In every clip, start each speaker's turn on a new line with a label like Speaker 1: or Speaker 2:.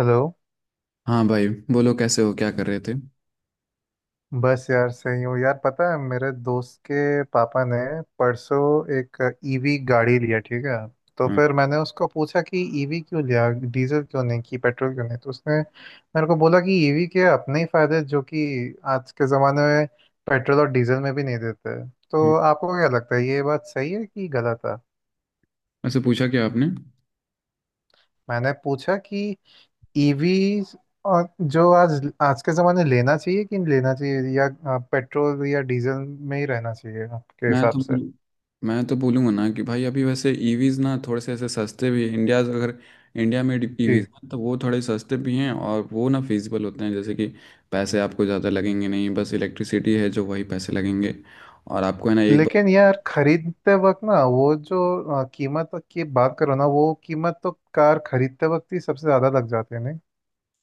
Speaker 1: Hello.
Speaker 2: हाँ भाई, बोलो कैसे हो? क्या कर रहे थे?
Speaker 1: बस यार सही हूँ यार, पता है मेरे दोस्त के पापा ने परसों एक ईवी गाड़ी लिया, ठीक है। तो
Speaker 2: हाँ।
Speaker 1: फिर मैंने उसको पूछा कि ईवी क्यों लिया, डीजल क्यों नहीं कि पेट्रोल क्यों नहीं। तो उसने मेरे को बोला कि ईवी के अपने ही फायदे हैं, जो कि आज के ज़माने में पेट्रोल और डीजल में भी नहीं देते।
Speaker 2: हम्म,
Speaker 1: तो आपको क्या लगता है ये बात सही है कि गलत है?
Speaker 2: वैसे पूछा क्या आपने?
Speaker 1: मैंने पूछा कि ईवी और जो आज आज के जमाने लेना चाहिए कि लेना चाहिए या पेट्रोल या डीजल में ही रहना चाहिए आपके
Speaker 2: मैं
Speaker 1: हिसाब
Speaker 2: तो
Speaker 1: से।
Speaker 2: बोल- मैं तो बोलूँगा ना कि भाई, अभी वैसे ईवीज ना थोड़े से ऐसे सस्ते भी इंडिया अगर इंडिया में ईवीज
Speaker 1: जी।
Speaker 2: ना तो वो थोड़े सस्ते भी हैं और वो ना फिजिबल होते हैं। जैसे कि पैसे आपको ज़्यादा लगेंगे नहीं, बस इलेक्ट्रिसिटी है जो वही पैसे लगेंगे। और आपको है ना एक
Speaker 1: लेकिन
Speaker 2: बार।
Speaker 1: यार खरीदते वक्त ना वो जो कीमत की बात करो ना, वो कीमत तो कार खरीदते वक्त ही सबसे ज्यादा लग जाती है नहीं।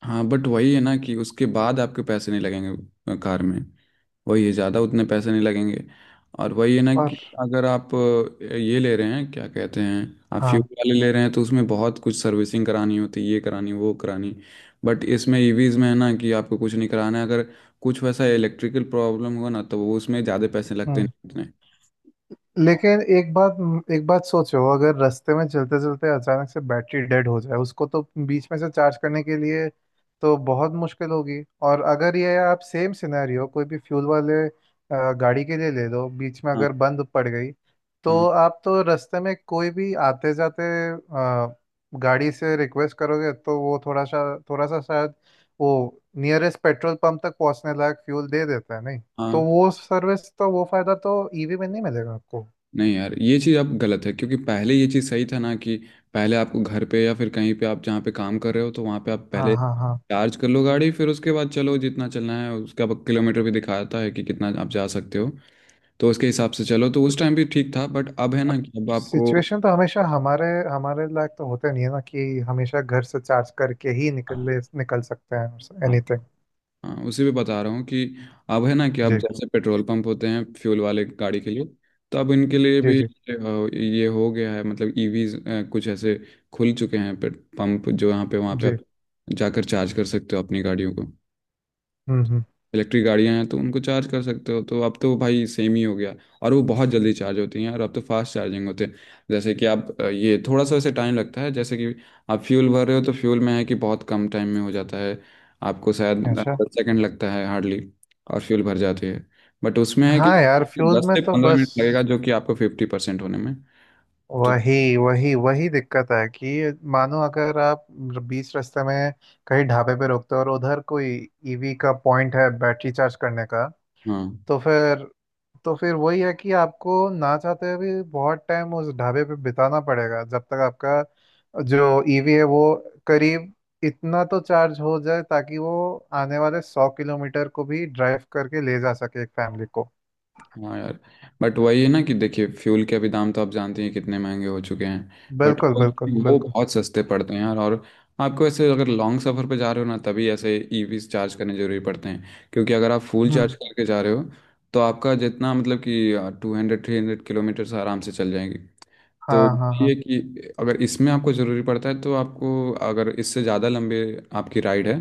Speaker 2: हाँ, बट वही है ना कि उसके बाद आपके पैसे नहीं लगेंगे कार में। वही है, ज़्यादा उतने पैसे नहीं लगेंगे। और वही है ना
Speaker 1: और।
Speaker 2: कि अगर आप ये ले रहे हैं, क्या कहते हैं, आप फ्यूल
Speaker 1: हाँ।
Speaker 2: वाले ले रहे हैं तो उसमें बहुत कुछ सर्विसिंग करानी होती है, ये करानी वो करानी। बट इसमें ईवीज में है ना कि आपको कुछ नहीं कराना है। अगर कुछ वैसा इलेक्ट्रिकल प्रॉब्लम हुआ ना तो वो उसमें ज़्यादा पैसे लगते
Speaker 1: हम्म।
Speaker 2: नहीं उतने।
Speaker 1: लेकिन एक बात सोचो, अगर रास्ते में चलते चलते अचानक से बैटरी डेड हो जाए उसको, तो बीच में से चार्ज करने के लिए तो बहुत मुश्किल होगी। और अगर ये आप सेम सिनेरियो कोई भी फ्यूल वाले गाड़ी के लिए ले लो, बीच में
Speaker 2: हाँ,
Speaker 1: अगर बंद पड़ गई तो
Speaker 2: हाँ,
Speaker 1: आप तो रास्ते में कोई भी आते जाते अ, गाड़ी से रिक्वेस्ट करोगे तो वो थोड़ा सा शायद वो नियरेस्ट पेट्रोल पंप तक पहुंचने लायक फ्यूल दे देता है नहीं। तो
Speaker 2: हाँ,
Speaker 1: वो सर्विस तो वो फायदा तो ईवी में नहीं मिलेगा आपको।
Speaker 2: नहीं यार, ये चीज़ आप गलत है। क्योंकि पहले ये चीज़ सही था ना कि पहले आपको घर पे या फिर कहीं पे आप जहाँ पे काम कर रहे हो तो वहाँ पे आप
Speaker 1: हाँ
Speaker 2: पहले
Speaker 1: हाँ हाँ।
Speaker 2: चार्ज कर लो गाड़ी। फिर उसके बाद चलो जितना चलना है, उसका अब किलोमीटर भी दिखाता है कि कितना आप जा सकते हो। तो उसके हिसाब से चलो तो उस टाइम भी ठीक था। बट अब है ना कि अब आपको,
Speaker 1: सिचुएशन तो हमेशा हमारे हमारे लायक तो होते नहीं है ना कि हमेशा घर से चार्ज करके ही निकल सकते हैं
Speaker 2: हाँ,
Speaker 1: एनीथिंग।
Speaker 2: हाँ उसी पे बता रहा हूँ कि अब है ना कि अब
Speaker 1: जी
Speaker 2: जैसे पेट्रोल पंप होते हैं फ्यूल वाले गाड़ी के लिए, तो अब इनके लिए
Speaker 1: जी
Speaker 2: भी
Speaker 1: जी
Speaker 2: ये हो गया है, मतलब ईवीज कुछ ऐसे खुल चुके हैं पेट पंप, जो यहाँ पे वहाँ पे
Speaker 1: जी।
Speaker 2: आप जाकर चार्ज कर सकते हो अपनी गाड़ियों को।
Speaker 1: हम्म।
Speaker 2: इलेक्ट्रिक गाड़ियां हैं तो उनको चार्ज कर सकते हो। तो अब तो भाई सेम ही हो गया। और वो बहुत जल्दी चार्ज होती हैं, और अब तो फास्ट चार्जिंग होते हैं। जैसे कि आप ये थोड़ा सा वैसे टाइम लगता है। जैसे कि आप फ्यूल भर रहे हो तो फ्यूल में है कि बहुत कम टाइम में हो जाता है। आपको शायद
Speaker 1: अच्छा।
Speaker 2: 10 सेकंड लगता है हार्डली, और फ्यूल भर जाती है। बट उसमें है कि
Speaker 1: हाँ यार, फ्यूल
Speaker 2: दस
Speaker 1: में
Speaker 2: से
Speaker 1: तो
Speaker 2: पंद्रह
Speaker 1: बस
Speaker 2: मिनट लगेगा, जो कि आपको 50% होने में। तो
Speaker 1: वही वही वही दिक्कत है कि मानो अगर आप बीच रास्ते में कहीं ढाबे पे रुकते हो और उधर कोई ईवी का पॉइंट है बैटरी चार्ज करने का,
Speaker 2: हाँ,
Speaker 1: तो फिर तो फिर वही है कि आपको ना चाहते हुए भी बहुत टाइम उस ढाबे पे बिताना पड़ेगा जब तक आपका जो ईवी है वो करीब इतना तो चार्ज हो जाए ताकि वो आने वाले 100 किलोमीटर को भी ड्राइव करके ले जा सके एक फैमिली को।
Speaker 2: हाँ यार, बट वही है ना कि देखिए फ्यूल के अभी दाम तो आप जानते हैं कितने महंगे हो चुके हैं। बट
Speaker 1: बिल्कुल बिल्कुल
Speaker 2: वो
Speaker 1: बिल्कुल।
Speaker 2: बहुत सस्ते पड़ते हैं यार। और आपको ऐसे अगर लॉन्ग सफ़र पे जा रहे हो ना, तभी ऐसे ईवीज चार्ज करने जरूरी पड़ते हैं। क्योंकि अगर आप फुल चार्ज
Speaker 1: हम्म।
Speaker 2: करके जा रहे हो तो आपका जितना मतलब कि 200 300 किलोमीटर्स आराम से चल जाएंगे। तो
Speaker 1: हाँ हाँ हाँ।
Speaker 2: ये कि अगर इसमें आपको ज़रूरी पड़ता है तो आपको, अगर इससे ज़्यादा लंबे आपकी राइड है,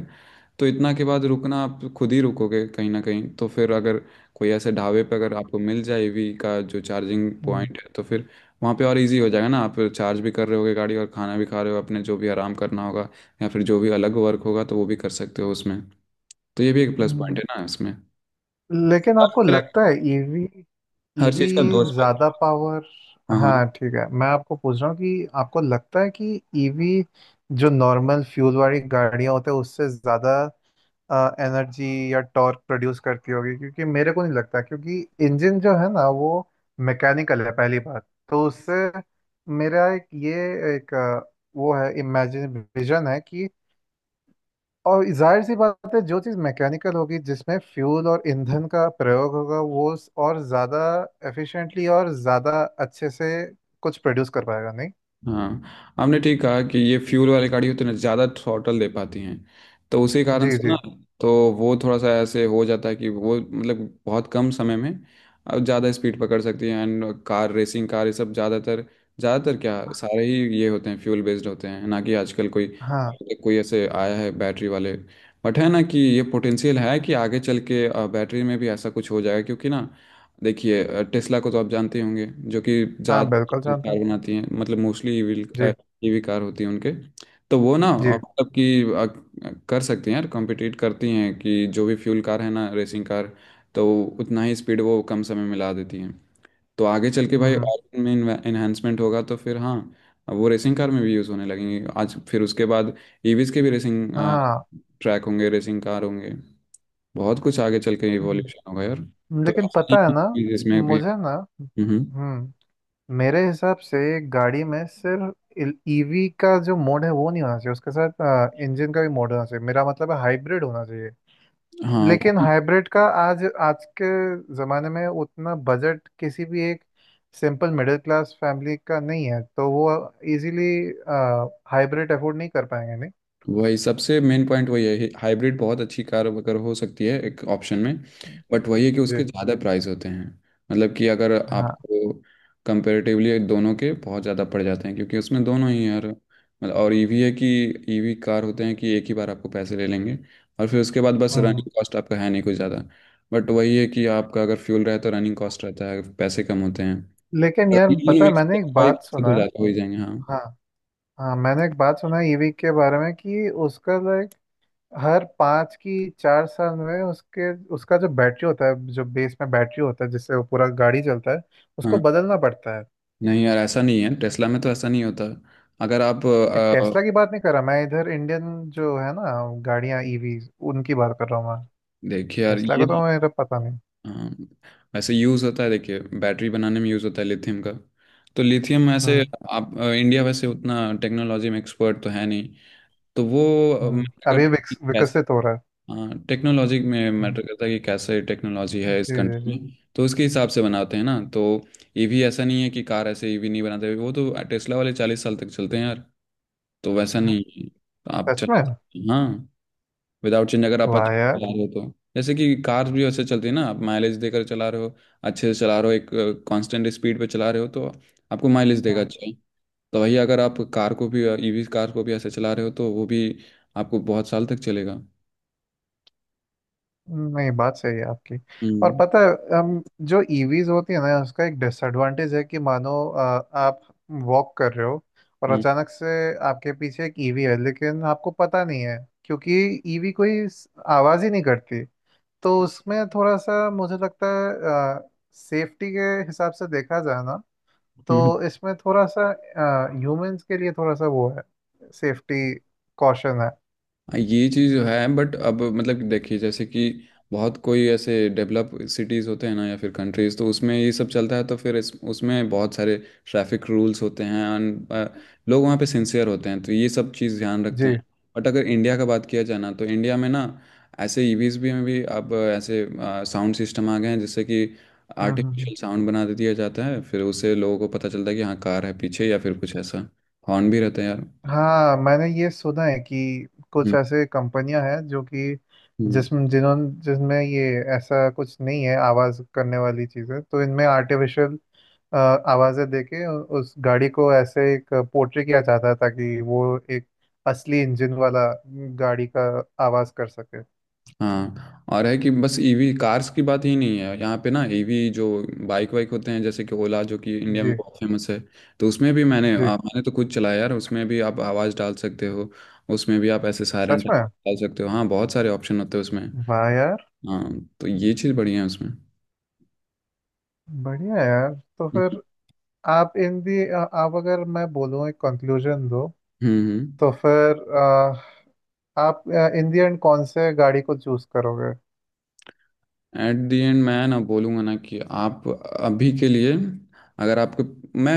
Speaker 2: तो इतना के बाद रुकना आप खुद ही रुकोगे कहीं ना कहीं। तो फिर अगर कोई ऐसे ढाबे पे अगर आपको मिल जाए ईवी का जो चार्जिंग
Speaker 1: हम्म
Speaker 2: पॉइंट है तो फिर वहाँ पे और इजी हो जाएगा ना। आप चार्ज भी कर रहे होगे गाड़ी, और खाना भी खा रहे हो, अपने जो भी आराम करना होगा, या फिर जो भी अलग वर्क होगा तो वो भी कर सकते हो उसमें। तो ये भी एक प्लस पॉइंट
Speaker 1: हम्म।
Speaker 2: है ना इसमें।
Speaker 1: लेकिन
Speaker 2: हर
Speaker 1: आपको
Speaker 2: तरह-
Speaker 1: लगता है ईवी
Speaker 2: हर
Speaker 1: ईवी
Speaker 2: चीज़ का दो aspect
Speaker 1: ज्यादा
Speaker 2: है।
Speaker 1: पावर।
Speaker 2: हाँ, हाँ।
Speaker 1: हाँ ठीक है, मैं आपको पूछ रहा हूँ कि आपको लगता है कि ईवी जो नॉर्मल फ्यूल वाली गाड़ियाँ होते हैं उससे ज्यादा एनर्जी या टॉर्क प्रोड्यूस करती होगी? क्योंकि मेरे को नहीं लगता, क्योंकि इंजन जो है ना वो मैकेनिकल है, पहली बात। तो उससे मेरा एक ये एक अ, वो है, इमेजिन विजन है कि और जाहिर सी बात है जो चीज़ मैकेनिकल होगी जिसमें फ्यूल और ईंधन का प्रयोग होगा वो और ज़्यादा एफिशिएंटली और ज़्यादा अच्छे से कुछ प्रोड्यूस कर पाएगा नहीं।
Speaker 2: हाँ, आपने ठीक कहा कि ये फ्यूल वाली गाड़ी उतने ज़्यादा थ्रॉटल दे पाती हैं, तो उसी कारण
Speaker 1: जी
Speaker 2: से
Speaker 1: जी।
Speaker 2: ना। तो वो थोड़ा सा ऐसे हो जाता है कि वो मतलब बहुत कम समय में अब ज़्यादा स्पीड पकड़ सकती है। एंड कार रेसिंग कार, ये सब ज़्यादातर, ज़्यादातर क्या, सारे ही ये होते हैं फ्यूल बेस्ड होते हैं ना कि आजकल कोई
Speaker 1: हाँ।
Speaker 2: कोई ऐसे आया है बैटरी वाले। बट है ना कि ये पोटेंशियल है कि आगे चल के बैटरी में भी ऐसा कुछ हो जाएगा। क्योंकि ना, देखिए टेस्ला को तो आप जानते ही होंगे जो कि
Speaker 1: हाँ
Speaker 2: ज़्यादा
Speaker 1: बिल्कुल जानता हूँ।
Speaker 2: कार बनाती हैं, मतलब मोस्टली ईवी,
Speaker 1: जी।
Speaker 2: ईवी कार होती हैं उनके। तो वो ना
Speaker 1: जी।
Speaker 2: मतलब कि कर सकती हैं यार, कॉम्पिटिट करती हैं कि जो भी फ्यूल कार है ना रेसिंग कार। तो उतना ही स्पीड वो कम समय में ला देती हैं। तो आगे चल के भाई
Speaker 1: हम्म।
Speaker 2: और इनमें इन्हेंसमेंट होगा तो फिर हाँ, वो रेसिंग कार में भी यूज़ होने लगेंगे। आज फिर उसके बाद ईवीज के भी रेसिंग
Speaker 1: हाँ।
Speaker 2: ट्रैक होंगे, रेसिंग कार होंगे। बहुत कुछ आगे चल के इवोल्यूशन
Speaker 1: हम्म।
Speaker 2: होगा यार। तो
Speaker 1: लेकिन
Speaker 2: ऐसा नहीं
Speaker 1: पता है ना
Speaker 2: कि इसमें भी,
Speaker 1: मुझे ना,
Speaker 2: हम्म
Speaker 1: हम्म मेरे हिसाब से गाड़ी में सिर्फ ईवी का जो मोड है वो नहीं होना चाहिए, उसके साथ इंजन का भी मोड होना चाहिए। मेरा मतलब है हाइब्रिड होना चाहिए।
Speaker 2: हाँ,
Speaker 1: लेकिन हाइब्रिड का आज आज के ज़माने में उतना बजट किसी भी एक सिंपल मिडिल क्लास फैमिली का नहीं है तो वो इजीली हाइब्रिड अफोर्ड नहीं कर पाएंगे नहीं।
Speaker 2: वही सबसे मेन पॉइंट वही है, हाइब्रिड बहुत अच्छी कार अगर हो सकती है एक ऑप्शन में।
Speaker 1: जी
Speaker 2: बट वही है कि
Speaker 1: जी,
Speaker 2: उसके ज़्यादा प्राइस होते हैं। मतलब कि अगर
Speaker 1: हाँ।
Speaker 2: आपको कंपेरेटिवली दोनों के बहुत ज़्यादा पड़ जाते हैं क्योंकि उसमें दोनों ही यार। मतलब और ईवी है कि ईवी कार होते हैं कि एक ही बार आपको पैसे ले लेंगे, और फिर उसके बाद बस
Speaker 1: हम्म।
Speaker 2: रनिंग कॉस्ट आपका है नहीं कुछ ज़्यादा। बट वही है कि आपका अगर फ्यूल रहे तो रनिंग कॉस्ट रहता है, पैसे कम होते हैं।
Speaker 1: लेकिन
Speaker 2: और
Speaker 1: यार पता
Speaker 2: दोनों
Speaker 1: है,
Speaker 2: mix
Speaker 1: मैंने
Speaker 2: करके
Speaker 1: एक
Speaker 2: भाई
Speaker 1: बात
Speaker 2: पैसे
Speaker 1: सुना
Speaker 2: तो
Speaker 1: है।
Speaker 2: ज़्यादा हो ही जाएंगे। हाँ,
Speaker 1: हाँ हाँ, मैंने एक बात सुना है ईवी के बारे में कि उसका लाइक हर 5 की 4 साल में उसके उसका जो बैटरी होता है, जो बेस में बैटरी होता है जिससे वो पूरा गाड़ी चलता है, उसको
Speaker 2: हाँ।
Speaker 1: बदलना पड़ता है।
Speaker 2: नहीं यार, ऐसा नहीं है। टेस्ला में तो ऐसा नहीं होता। अगर आप
Speaker 1: टेस्ला की बात नहीं कर रहा मैं, इधर इंडियन जो है ना गाड़ियां ईवी, उनकी बात कर रहा हूँ मैं।
Speaker 2: देखिए यार
Speaker 1: टेस्ला
Speaker 2: ये,
Speaker 1: का तो मेरा पता नहीं।
Speaker 2: हाँ, वैसे यूज़ होता है, देखिए बैटरी बनाने में यूज़ होता है लिथियम का। तो लिथियम ऐसे,
Speaker 1: हम्म।
Speaker 2: आप इंडिया वैसे उतना टेक्नोलॉजी में एक्सपर्ट तो है नहीं। तो वो मैटर
Speaker 1: हम्म,
Speaker 2: करता
Speaker 1: अभी
Speaker 2: है कि कैसे,
Speaker 1: विकसित हो रहा है।
Speaker 2: हाँ टेक्नोलॉजी में
Speaker 1: हम्म,
Speaker 2: मैटर करता है कि कैसे टेक्नोलॉजी
Speaker 1: जी
Speaker 2: है इस
Speaker 1: जी
Speaker 2: कंट्री
Speaker 1: जी।
Speaker 2: में, तो उसके हिसाब से बनाते हैं ना। तो ईवी ऐसा नहीं है कि कार, ऐसे ईवी नहीं बनाते। वो तो टेस्ला वाले 40 साल तक चलते हैं यार। तो वैसा
Speaker 1: हाँ,
Speaker 2: नहीं है। तो आप
Speaker 1: सच में।
Speaker 2: चला सकते हैं। हाँ, विदाउट चेंज अगर आप अच्छे
Speaker 1: वाह
Speaker 2: से
Speaker 1: यार।
Speaker 2: चला रहे हो तो। जैसे कि कार भी वैसे चलती है ना, आप माइलेज देकर चला रहे हो, अच्छे से चला रहे हो, एक कांस्टेंट स्पीड पे चला रहे हो तो आपको माइलेज देगा
Speaker 1: हम्म।
Speaker 2: अच्छा। तो वही अगर आप कार को भी, ईवी कार को भी ऐसे चला रहे हो तो वो भी आपको बहुत साल तक चलेगा।
Speaker 1: नहीं, बात सही है आपकी। और
Speaker 2: हम्म।
Speaker 1: पता है, जो ईवीज होती है ना उसका एक डिसएडवांटेज है कि मानो आप वॉक कर रहे हो और
Speaker 2: हम्म
Speaker 1: अचानक से आपके पीछे एक ईवी है लेकिन आपको पता नहीं है, क्योंकि ईवी कोई आवाज ही नहीं करती। तो उसमें थोड़ा सा मुझे लगता है सेफ्टी के हिसाब से देखा जाए ना
Speaker 2: हम्म।
Speaker 1: तो इसमें थोड़ा सा ह्यूमंस के लिए थोड़ा सा वो है, सेफ्टी कॉशन है।
Speaker 2: हाँ, ये चीज़ है, बट अब मतलब कि देखिए जैसे कि बहुत कोई ऐसे डेवलप सिटीज़ होते हैं ना या फिर कंट्रीज़, तो उसमें ये सब चलता है। तो फिर इस उसमें बहुत सारे ट्रैफिक रूल्स होते हैं and, लोग वहाँ पे सिंसियर होते हैं, तो ये सब चीज़ ध्यान
Speaker 1: जी।
Speaker 2: रखते हैं। बट अगर इंडिया का बात किया जाए ना तो इंडिया में ना, ऐसे ईवीज भी में भी अब ऐसे साउंड सिस्टम आ गए हैं जिससे कि
Speaker 1: हम्म हम्म, हम्म।
Speaker 2: आर्टिफिशियल साउंड बना दे दिया जाता है। फिर उससे लोगों को पता चलता है कि हाँ कार है पीछे, या फिर कुछ ऐसा। हॉर्न भी रहता है यार।
Speaker 1: हाँ मैंने ये सुना है कि कुछ
Speaker 2: हम्म
Speaker 1: ऐसे कंपनियां हैं जो कि
Speaker 2: हम्म।
Speaker 1: जिसमें जिन्होंने जिसमें ये ऐसा कुछ नहीं है आवाज़ करने वाली चीज़ें, तो इनमें आर्टिफिशियल अ, आवाज़ें देके उस गाड़ी को ऐसे एक पोर्ट्रे किया जाता था कि वो एक असली इंजन वाला गाड़ी का आवाज़ कर सके।
Speaker 2: हाँ, और है कि बस ईवी कार्स की बात ही नहीं है यहाँ पे ना। ईवी जो बाइक वाइक होते हैं जैसे कि ओला जो कि इंडिया में
Speaker 1: जी
Speaker 2: बहुत फेमस है, तो उसमें भी
Speaker 1: जी।
Speaker 2: मैंने तो खुद चलाया यार। उसमें भी आप आवाज़ डाल सकते हो, उसमें भी आप ऐसे सायरन
Speaker 1: सच में।
Speaker 2: डाल सकते हो। हाँ, बहुत सारे ऑप्शन होते हैं उसमें।
Speaker 1: वाह यार।
Speaker 2: हाँ, तो ये चीज़ बढ़िया है उसमें।
Speaker 1: बढ़िया यार। तो
Speaker 2: हम्म
Speaker 1: फिर आप इन दी आप अगर मैं बोलूँ एक कंक्लूजन दो,
Speaker 2: हम्म हम्म।
Speaker 1: तो फिर आप इन दी एंड कौन से गाड़ी को चूज करोगे?
Speaker 2: एट दी एंड मैं ना बोलूँगा ना कि आप अभी के लिए, अगर आपको, मैं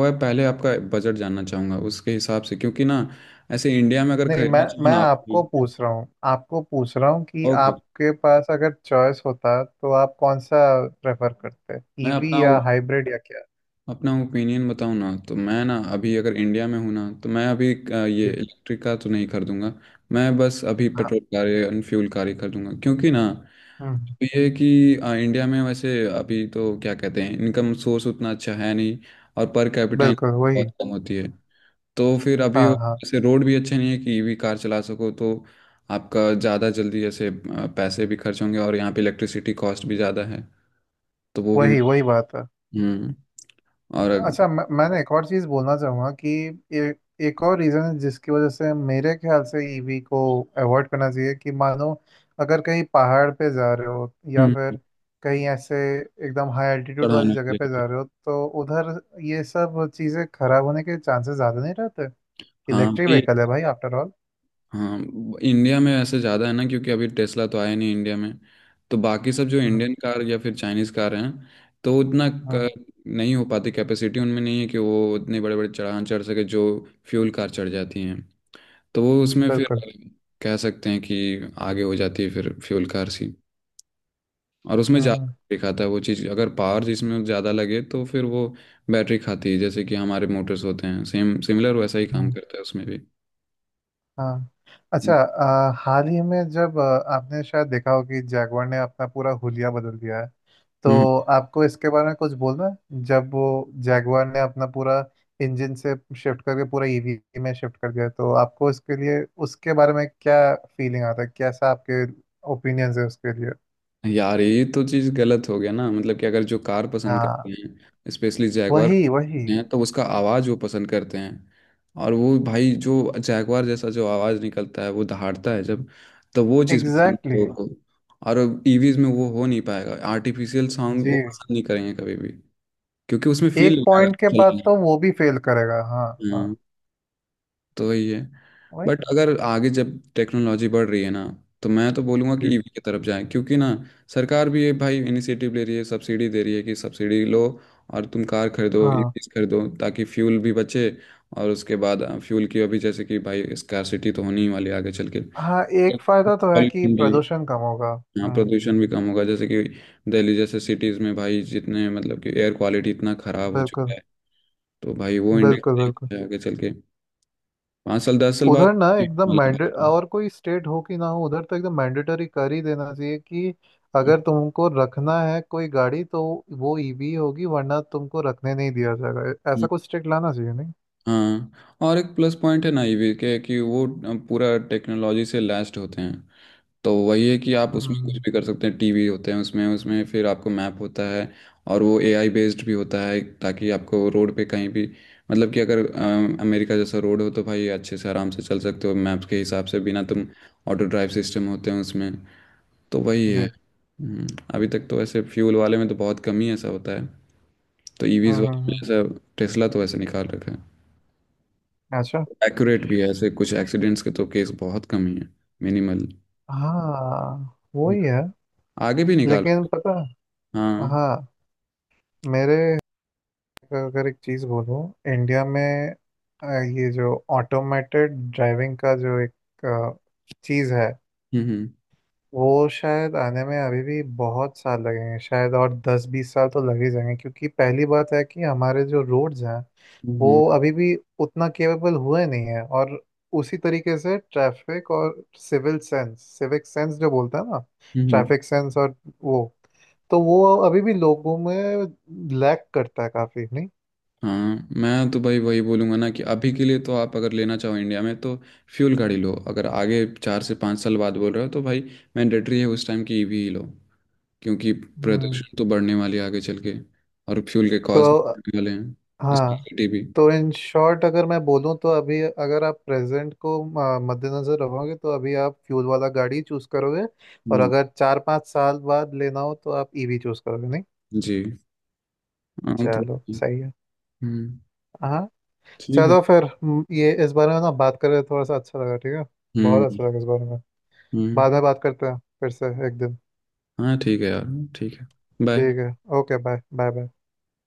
Speaker 2: वह पहले आपका बजट जानना चाहूँगा उसके हिसाब से। क्योंकि ना ऐसे इंडिया में अगर
Speaker 1: नहीं,
Speaker 2: खरीदना चाहो
Speaker 1: मैं
Speaker 2: ना आप,
Speaker 1: आपको पूछ रहा हूँ, आपको पूछ रहा हूँ कि
Speaker 2: ओके
Speaker 1: आपके पास अगर चॉइस होता तो आप कौन सा प्रेफर करते?
Speaker 2: मैं अपना
Speaker 1: ईवी या हाइब्रिड या क्या?
Speaker 2: अपना ओपिनियन बताऊं ना, तो मैं ना अभी अगर इंडिया में हूँ ना तो मैं अभी
Speaker 1: जी।
Speaker 2: ये इलेक्ट्रिक का तो नहीं खरीदूंगा। मैं बस अभी
Speaker 1: हाँ।
Speaker 2: Petrol car and fuel car ही खरीदूंगा। क्योंकि ना
Speaker 1: हम्म।
Speaker 2: तो ये है कि इंडिया में वैसे अभी तो क्या कहते हैं, इनकम सोर्स उतना अच्छा है नहीं, और पर कैपिटा
Speaker 1: बिल्कुल
Speaker 2: इनकम
Speaker 1: वही।
Speaker 2: बहुत कम होती है। तो फिर अभी
Speaker 1: हाँ हाँ।
Speaker 2: वैसे रोड भी अच्छे नहीं है कि ईवी कार चला सको, तो आपका ज़्यादा जल्दी ऐसे पैसे भी खर्च होंगे, और यहाँ पे इलेक्ट्रिसिटी कॉस्ट भी ज़्यादा है, तो वो भी।
Speaker 1: वही वही बात है।
Speaker 2: हम्म और
Speaker 1: अच्छा मैंने एक और चीज़ बोलना चाहूँगा कि ए, एक और रीज़न है जिसकी वजह से मेरे ख्याल से ईवी को अवॉइड करना चाहिए कि मानो अगर कहीं पहाड़ पे जा रहे हो या
Speaker 2: हम्म
Speaker 1: फिर कहीं ऐसे एकदम हाई एल्टीट्यूड वाली
Speaker 2: चढ़ाने के
Speaker 1: जगह पे
Speaker 2: लिए,
Speaker 1: जा रहे हो तो उधर ये सब चीज़ें खराब होने के चांसेस ज़्यादा नहीं रहते।
Speaker 2: हाँ
Speaker 1: इलेक्ट्रिक
Speaker 2: भाई,
Speaker 1: व्हीकल है भाई आफ्टर ऑल।
Speaker 2: हाँ इंडिया में ऐसे ज़्यादा है ना क्योंकि अभी टेस्ला तो आया नहीं इंडिया में। तो बाकी सब जो
Speaker 1: हम्म।
Speaker 2: इंडियन कार या फिर चाइनीज़ कार हैं तो उतना,
Speaker 1: हम्म,
Speaker 2: नहीं हो पाती, कैपेसिटी उनमें नहीं है कि वो उतने बड़े बड़े चढ़ान चढ़ सके जो फ्यूल कार चढ़ जाती हैं। तो वो उसमें फिर
Speaker 1: बिल्कुल।
Speaker 2: कह सकते हैं कि आगे हो जाती है फिर फ्यूल कार सी। और उसमें ज़्यादा
Speaker 1: हम्म।
Speaker 2: दिखाता है वो चीज़ अगर पावर जिसमें ज़्यादा लगे तो फिर वो बैटरी खाती है। जैसे कि हमारे मोटर्स होते हैं, सेम सिमिलर वैसा ही काम
Speaker 1: हम्म,
Speaker 2: करता है उसमें भी।
Speaker 1: हाँ। अच्छा हाल ही में जब आपने शायद देखा हो कि जैगवार ने अपना पूरा हुलिया बदल दिया है,
Speaker 2: हम्म
Speaker 1: तो आपको इसके बारे में कुछ बोलना है? जब वो जैगुआर ने अपना पूरा इंजन से शिफ्ट करके पूरा ईवी में शिफ्ट कर दिया, तो आपको इसके लिए उसके बारे में क्या फीलिंग आता है, कैसा आपके ओपिनियंस है उसके लिए?
Speaker 2: यार ये तो चीज गलत हो गया ना। मतलब कि अगर जो कार पसंद करते
Speaker 1: हाँ
Speaker 2: हैं, स्पेशली जैगवार
Speaker 1: वही वही।
Speaker 2: हैं, तो उसका आवाज वो पसंद करते हैं। और वो भाई जो जैगवार जैसा जो आवाज निकलता है, वो दहाड़ता है जब, तो वो चीज पसंद
Speaker 1: एग्जैक्टली
Speaker 2: है
Speaker 1: exactly।
Speaker 2: लोगों को। और ईवीज में वो हो नहीं पाएगा। आर्टिफिशियल साउंड
Speaker 1: जी।
Speaker 2: वो पसंद नहीं करेंगे कभी भी, क्योंकि उसमें फील
Speaker 1: एक
Speaker 2: नहीं आएगा
Speaker 1: पॉइंट के बाद
Speaker 2: चलाने
Speaker 1: तो वो भी फेल करेगा हाँ।
Speaker 2: में।
Speaker 1: हाँ
Speaker 2: हाँ, तो वही है।
Speaker 1: वही।
Speaker 2: बट अगर आगे जब टेक्नोलॉजी बढ़ रही है ना, तो मैं तो बोलूँगा कि
Speaker 1: जी।
Speaker 2: ईवी की तरफ जाएं। क्योंकि ना, सरकार भी ये भाई इनिशिएटिव ले रही है, सब्सिडी दे रही है कि सब्सिडी लो और तुम कार खरीदो,
Speaker 1: हाँ।
Speaker 2: ईवीज खरीदो, ताकि फ्यूल भी बचे। और उसके बाद फ्यूल की अभी जैसे कि भाई स्कार्सिटी तो होनी ही वाली है आगे चल के।
Speaker 1: हाँ एक फायदा तो है कि
Speaker 2: पॉल्यूशन भी,
Speaker 1: प्रदूषण कम होगा।
Speaker 2: हाँ
Speaker 1: हम्म।
Speaker 2: प्रदूषण भी कम होगा। जैसे कि दिल्ली जैसे सिटीज़ में भाई जितने मतलब कि एयर क्वालिटी इतना ख़राब हो चुका
Speaker 1: बिल्कुल
Speaker 2: है, तो भाई वो
Speaker 1: बिल्कुल बिल्कुल।
Speaker 2: इंडेक्स आगे चल के 5 साल 10 साल
Speaker 1: उधर ना एकदम मैंडे और कोई स्टेट हो कि ना हो, उधर तो एकदम मैंडेटरी कर ही देना चाहिए कि
Speaker 2: बाद।
Speaker 1: अगर तुमको रखना है कोई गाड़ी तो वो ईवी होगी, वरना तुमको रखने नहीं दिया जाएगा, ऐसा कुछ स्टेट लाना चाहिए नहीं।
Speaker 2: हाँ और एक प्लस पॉइंट है ना ईवी के कि वो पूरा टेक्नोलॉजी से लैस्ड होते हैं। तो वही है कि आप उसमें कुछ
Speaker 1: हम्म।
Speaker 2: भी कर सकते हैं, टीवी होते हैं उसमें, उसमें फिर आपको मैप होता है। और वो एआई बेस्ड भी होता है, ताकि आपको रोड पे कहीं भी, मतलब कि अगर अमेरिका जैसा रोड हो तो भाई अच्छे से आराम से चल सकते हो मैप्स के हिसाब से बिना तुम। ऑटो ड्राइव सिस्टम होते हैं उसमें, तो वही है।
Speaker 1: जी।
Speaker 2: हम्म, अभी तक तो ऐसे फ्यूल वाले में तो बहुत कम ही ऐसा होता है। तो ईवीज
Speaker 1: हम्म
Speaker 2: वाले
Speaker 1: हम्म
Speaker 2: में
Speaker 1: हम्म।
Speaker 2: ऐसा, टेस्ला तो ऐसे निकाल रखा है।
Speaker 1: अच्छा।
Speaker 2: एक्यूरेट भी है, ऐसे कुछ एक्सीडेंट्स के तो केस बहुत कम ही है, मिनिमल।
Speaker 1: हाँ वही है।
Speaker 2: आगे भी निकालो।
Speaker 1: लेकिन पता।
Speaker 2: हाँ।
Speaker 1: हाँ। मेरे अगर एक चीज़ बोलूँ, इंडिया में अ, ये जो ऑटोमेटेड ड्राइविंग का जो एक अ, चीज़ है
Speaker 2: हम्म, हम्म,
Speaker 1: वो शायद आने में अभी भी बहुत साल लगेंगे, शायद और 10 20 साल तो लग ही जाएंगे, क्योंकि पहली बात है कि हमारे जो रोड्स हैं वो
Speaker 2: हम्म,
Speaker 1: अभी भी उतना केपेबल हुए नहीं है, और उसी तरीके से ट्रैफिक और सिविल सेंस सिविक सेंस जो बोलते हैं ना,
Speaker 2: हम्म।
Speaker 1: ट्रैफिक सेंस और वो, तो वो अभी भी लोगों में लैक करता है काफी नहीं।
Speaker 2: हाँ, मैं तो भाई वही बोलूँगा ना कि अभी के लिए तो आप अगर लेना चाहो इंडिया में तो फ्यूल गाड़ी लो। अगर आगे 4 से 5 साल बाद बोल रहे हो तो भाई मैंडेटरी है उस टाइम की ईवी ही लो। क्योंकि
Speaker 1: हम्म।
Speaker 2: प्रदूषण तो बढ़ने वाली है आगे चल के, और फ्यूल के
Speaker 1: तो
Speaker 2: कॉस्ट बढ़ने वाले हैं,
Speaker 1: हाँ।
Speaker 2: स्कैनिटी भी।
Speaker 1: तो इन शॉर्ट अगर मैं बोलूँ तो अभी अगर आप प्रेजेंट को मद्देनजर रखोगे तो अभी आप फ्यूल वाला गाड़ी चूज करोगे, और
Speaker 2: हम्म,
Speaker 1: अगर 4 5 साल बाद लेना हो तो आप ईवी चूज करोगे नहीं।
Speaker 2: जी। हाँ तो,
Speaker 1: चलो सही है।
Speaker 2: हम्म,
Speaker 1: हाँ।
Speaker 2: ठीक है।
Speaker 1: चलो फिर ये इस बारे में ना बात करें थोड़ा सा, अच्छा लगा ठीक है, बहुत
Speaker 2: हम्म
Speaker 1: अच्छा लगा इस बारे में।
Speaker 2: हम्म।
Speaker 1: बाद में बात करते हैं फिर से एक दिन।
Speaker 2: हाँ ठीक है यार। ठीक है। बाय।
Speaker 1: ठीक है। Okay bye bye bye.